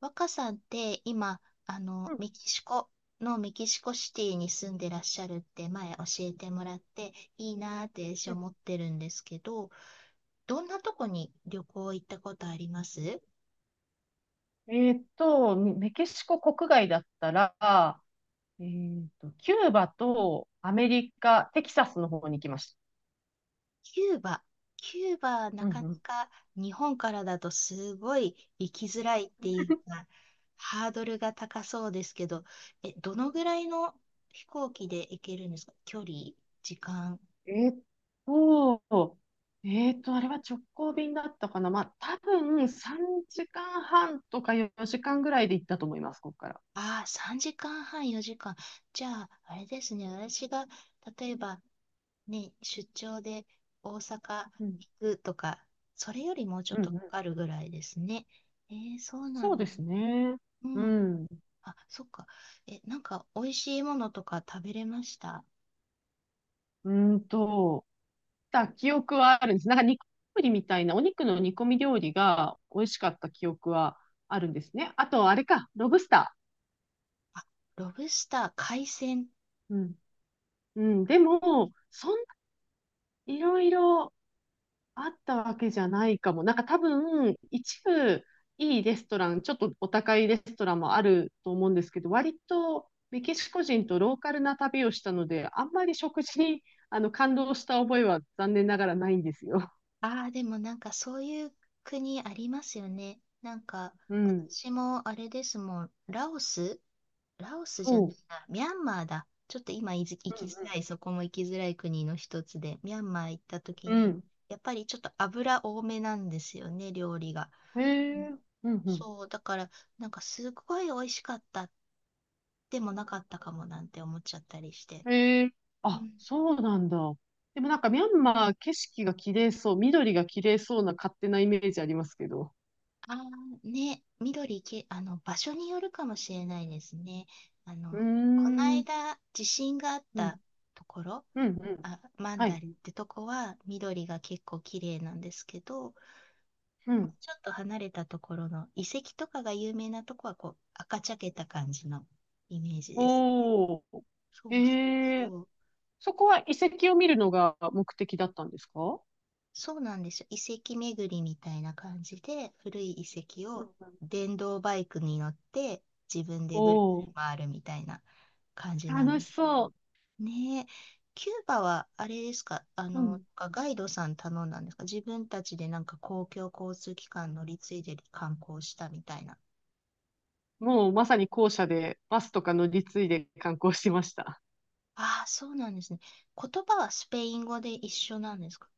若さんって今、うんメキシコのメキシコシティに住んでらっしゃるって前教えてもらって、いいなーって私うん。思ってるんですけど、どんなとこに旅行行ったことあります？メキシコ国外だったら、キューバとアメリカ、テキサスの方に行きました。キューバ。キューバ、なうんかなうん。か日本からだとすごい行きづらいっていうか、ハードルが高そうですけど、どのぐらいの飛行機で行けるんですか？距離、時間。えーっと、あれは直行便だったかな。まあ、多分3時間半とか4時間ぐらいで行ったと思います、ここから。ああ、3時間半、4時間。じゃあ、あれですね、私が、例えば、ね、出張で大阪うん、行くとか、それよりもうちょっうん、とかうん。かるぐらいですね。そうなそうんでだ。すね。ううんうん。ん。あ、そっか。なんか、美味しいものとか食べれました？うーんと、た記憶はあるんです。なんか煮込みみたいな、お肉の煮込み料理が美味しかった記憶はあるんですね。あと、あれか、ロブスタあ、ロブスター、海鮮。ー。うん。うん、でも、そんないろいろあったわけじゃないかも。なんか多分、一部いいレストラン、ちょっとお高いレストランもあると思うんですけど、割とメキシコ人とローカルな旅をしたので、あんまり食事にあの感動した覚えは残念ながらないんですよ。ああ、でもなんか、そういう国ありますよね。なんか、うん。私もあれですもん、ラオス、ラオスじゃないそな、ミャンマーだ。ちょっと今いず行う。うきづんらい、そこも行きづらい国の一つで、ミャンマー行った時うんうに、ん。やっぱりちょっと油多めなんですよね、料理が。えうん。え。うんうそう、だから、なんかすごい美味しかったでもなかったかもなんて思っちゃったりして。ん。ええ。うあ、ん。そうなんだ。でもなんかミャンマー景色が綺麗そう、緑が綺麗そうな勝手なイメージありますけど。あーね、緑け、あの、場所によるかもしれないですね。あうーの、このん、うん、間、地震があっうたん、ところ、うん。あ、マンはダい、リってとこは緑が結構綺麗なんですけど、もううん。ちょっと離れたところの遺跡とかが有名なとこはこう赤茶けた感じのイメージですね。おー。そうそうええ。そう。そこは遺跡を見るのが目的だったんですか？そうなんですよ。遺跡巡りみたいな感じで、古い遺跡うんをうん。電動バイクに乗って自分でぐるぐおるー、回るみたいな感じなん楽でしすそう。ね。ねえ、キューバはあれですか？うん。ガイドさん頼んだんですか？自分たちでなんか公共交通機関乗り継いで観光したみたいな。もうまさに校舎でバスとか乗り継いで観光しました。ああ、そうなんですね。言葉はスペイン語で一緒なんですか？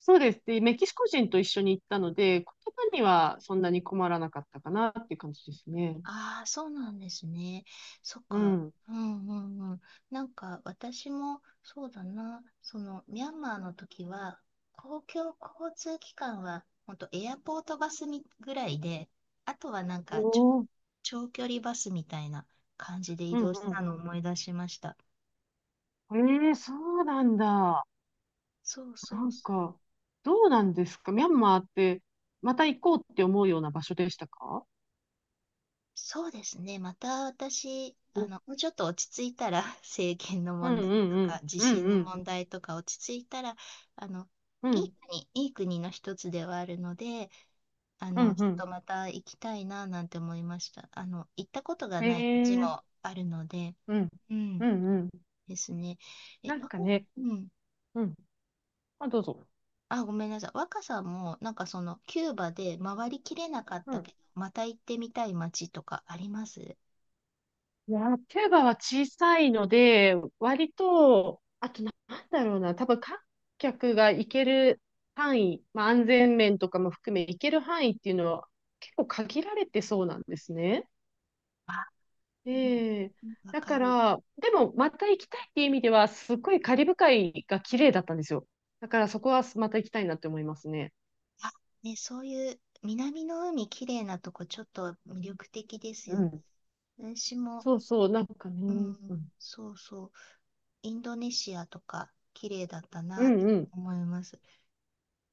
そうです。で、メキシコ人と一緒に行ったので、言葉にはそんなに困らなかったかなっていう感じですね。ああ、そうなんですね。そっうか。ん。うんうんうん。なんか私もそうだな。そのミャンマーの時は公共交通機関は本当エアポートバスぐらいで、あとはなんかおお。うん長距離バスみたいな感じで移うん動したのを思い出しました。うん。ええ。そうなんだ。そうなそうんそう。か、どうなんですかミャンマーって、また行こうって思うような場所でしたか？そうですね。また私、お。うんもうちょっと落ち着いたら、政権のうん問題とうか、ん。地うん震のうん。問題とか落ち着いたら、あの、ういいん。国、いい国の一つではあるので、うんうちょっん。とまた行きたいな、なんて思いました。行ったことがへない街え。もあるので、うん。ううん、んうん。ですね。え、なんわかこね。うん。うん。あ、どうぞ。あ、ごめんなさい。若さんも、なんかキューバで回りきれなかったけど、また行ってみたい街とかあります？いや、キューバは小さいので、割と、あとなんだろうな、多分観客が行ける範囲、まあ、安全面とかも含め行ける範囲っていうのは結構限られてそうなんですね。あ、でも、ええ。うん。わだかかる。ら、でもまた行きたいっていう意味では、すっごいカリブ海が綺麗だったんですよ。だからそこはまた行きたいなって思いますね。あ、ね、そういう南の海きれいなとこちょっと魅力的ですうよね。ん。私も、そうそう、なんかうね。うん、ん、そうそう、インドネシアとか綺麗だったうなとん、うん。思います。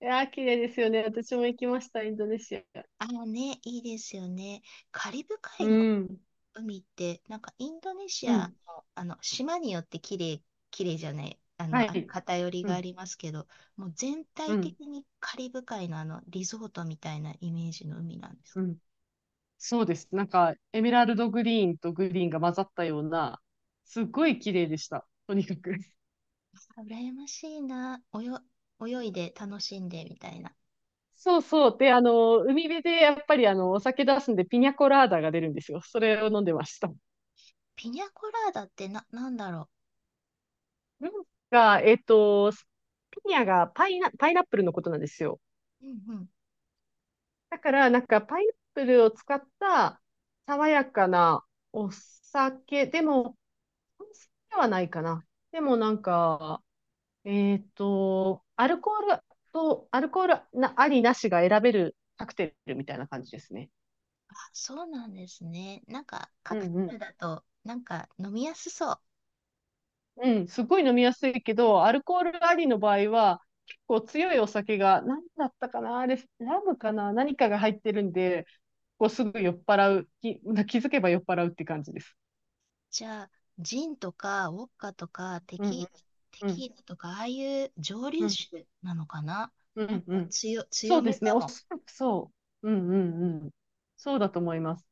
いやー、綺麗ですよね。私も行きました、インドネシア。あのね、いいですよね。カリブう海のん。海って、なんかインドネシうアん。の、あの島によって綺麗、綺麗じゃない、はい。偏りうがあん、りますけど、もう全う体ん、的にカリブ海のあのリゾートみたいなイメージの海なんです。うん。そうです。なんか、エメラルドグリーンとグリーンが混ざったような、すっごい綺麗でした。とにかく。あ羨ましいな。泳いで楽しんでみたいな。そうそう。で、海辺でやっぱりお酒出すんで、ピニャコラーダが出るんですよ。それを飲んでました。ピニャコラーダってなんだろなんか ピニャがパイナ、パイナップルのことなんですよ。う。うんうん。だから、なんか、パイナップルを使った爽やかなお酒、でも、お酒ではないかな。でもなんか、えっと、アルコールアルコールな、ありなしが選べるカクテルみたいな感じですね。あ、そうなんですね。なんか、カうクんうテん。ルだと、なんか飲みやすそう。うん、すごい飲みやすいけど、アルコールありの場合は、結構強いお酒が、何だったかな、あれ、ラムかな、何かが入ってるんで、こうすぐ酔っ払う、気づけば酔っ払うって感じです。じゃあ、ジンとか、ウォッカとか、うんうんテうんキーラとか、ああいう蒸う留ん酒なのかな。うなんんうかん。そ強うでめすね、かおそも。らくそう。うんうんうん。そうだと思います。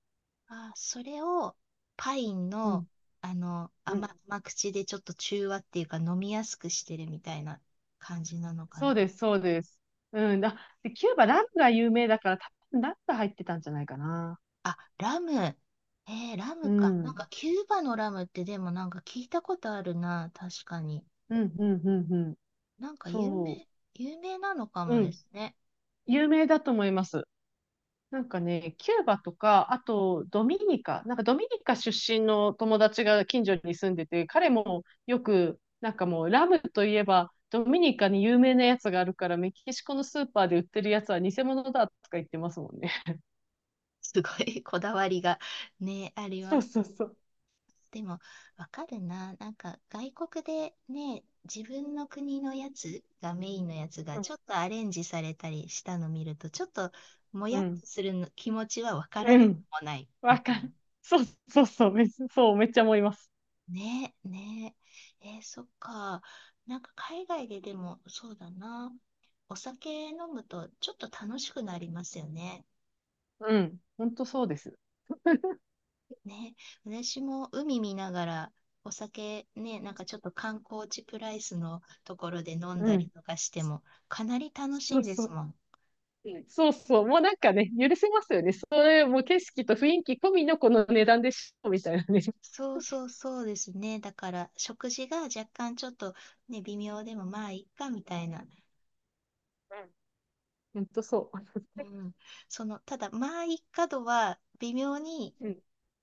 あ、それを、パインうの、んうん。甘口でちょっと中和っていうか、飲みやすくしてるみたいな感じなのかそうでな。す、そうです。うん。あ、で、キューバ、ラムが有名だから、多分ラムが入ってたんじゃないかな。あ、ラム。ラうムか。なんか、ん。キューバのラムってでもなんか聞いたことあるな、確かに。うん、うん、うん、うん。なんかそ有名なのかう。もうでん。すね。有名だと思います。なんかね、キューバとか、あとドミニカ、なんかドミニカ出身の友達が近所に住んでて、彼もよく、なんかもうラムといえば、ドミニカに有名なやつがあるから、メキシコのスーパーで売ってるやつは偽物だとか言ってますもんね。すごい こだわりがね、ありそまうすそうそね。う。でも、わかるな。なんか、外国でね、自分の国のやつがメインのやつうがん。ちょっとアレンジされたりしたの見ると、ちょっともうやっん。とするの気持ちはわからうなくん。もない。わかんそうそうそう、めっちゃ、そう、めっちゃ思います。ねえ、ねえ。そっか。なんか海外ででもそうだな。お酒飲むとちょっと楽しくなりますよね。うん。ほんとそうです。ね。私も海見ながらお酒ね、なんかちょっと観光地プライスのところで飲んうだりん。とかしてもかなり楽しそいうでそすう。もん。うんそうそう。もうなんかね、許せますよね。それ、もう景色と雰囲気込みのこの値段でしょ、みたいなね。そうそうそうですね。だから食事が若干ちょっとね、微妙でもまあいっかみたいな。うん。ほんとそうん。ただまあいっか度は微妙にう。うん。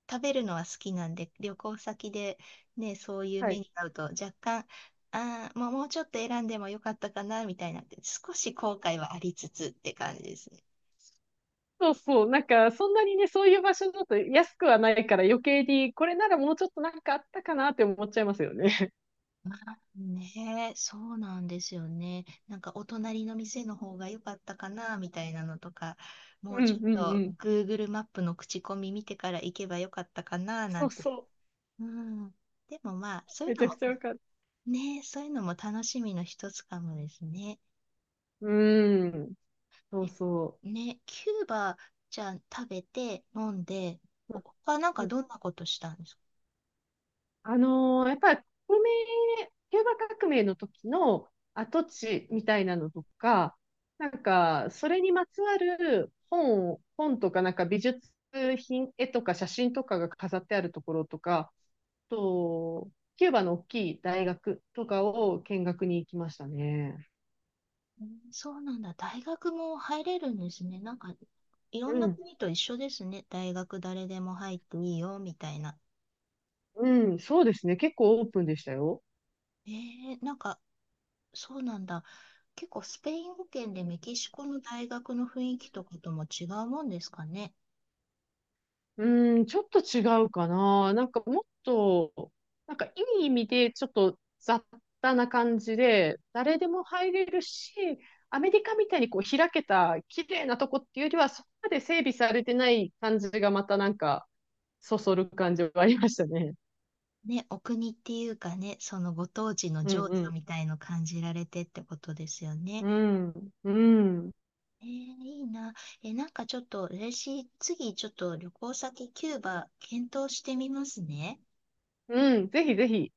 食べるのは好きなんで、旅行先でね、そういうは目い。に遭うと若干、ああ、もうちょっと選んでもよかったかな、みたいなって、少し後悔はありつつって感じですね。そうそう。なんか、そんなにね、そういう場所だと安くはないから余計に、これならもうちょっとなんかあったかなって思っちゃいますよね。ねえ、そうなんですよね。なんかお隣の店の方が良かったかなみたいなのとか、もううちょんっうんうと ん。Google マップの口コミ見てから行けば良かったかななそんうて。そう。うん。でもまあ、そういうめちのゃもくちゃわかる。ねえ、そういうのも楽しみの一つかもですね。うーん。そえうそね、キューバじゃん食べて飲んで、う。うん。他なんかどんなことしたんですか？やっぱり革命、キューバ革命の時の跡地みたいなのとか、なんか、それにまつわる本とか、なんか美術品、絵とか写真とかが飾ってあるところとか、あと、キューバの大きい大学とかを見学に行きましたね。うん。そうなんだ。大学も入れるんですね。なんか、いろうんなん、国と一緒ですね。大学誰でも入っていいよ、みたいな。うん、そうですね。結構オープンでしたよ。なんか、そうなんだ。結構スペイン語圏でメキシコの大学の雰囲気とかとも違うもんですかね？うーん、ちょっと違うかな。なんかもっと、なんかいい意味でちょっと雑多な感じで、誰でも入れるし、アメリカみたいにこう開けた綺麗なとこっていうよりは、そこまで整備されてない感じがまたなんか、そそる感じはありましたね。ね、お国っていうかね、そのご当地のうん情う緒ん。みたいの感じられてってことですよね。うん。うん。いいな。なんかちょっと嬉しい。次、ちょっと旅行先キューバ検討してみますね。うん。ぜひぜひ。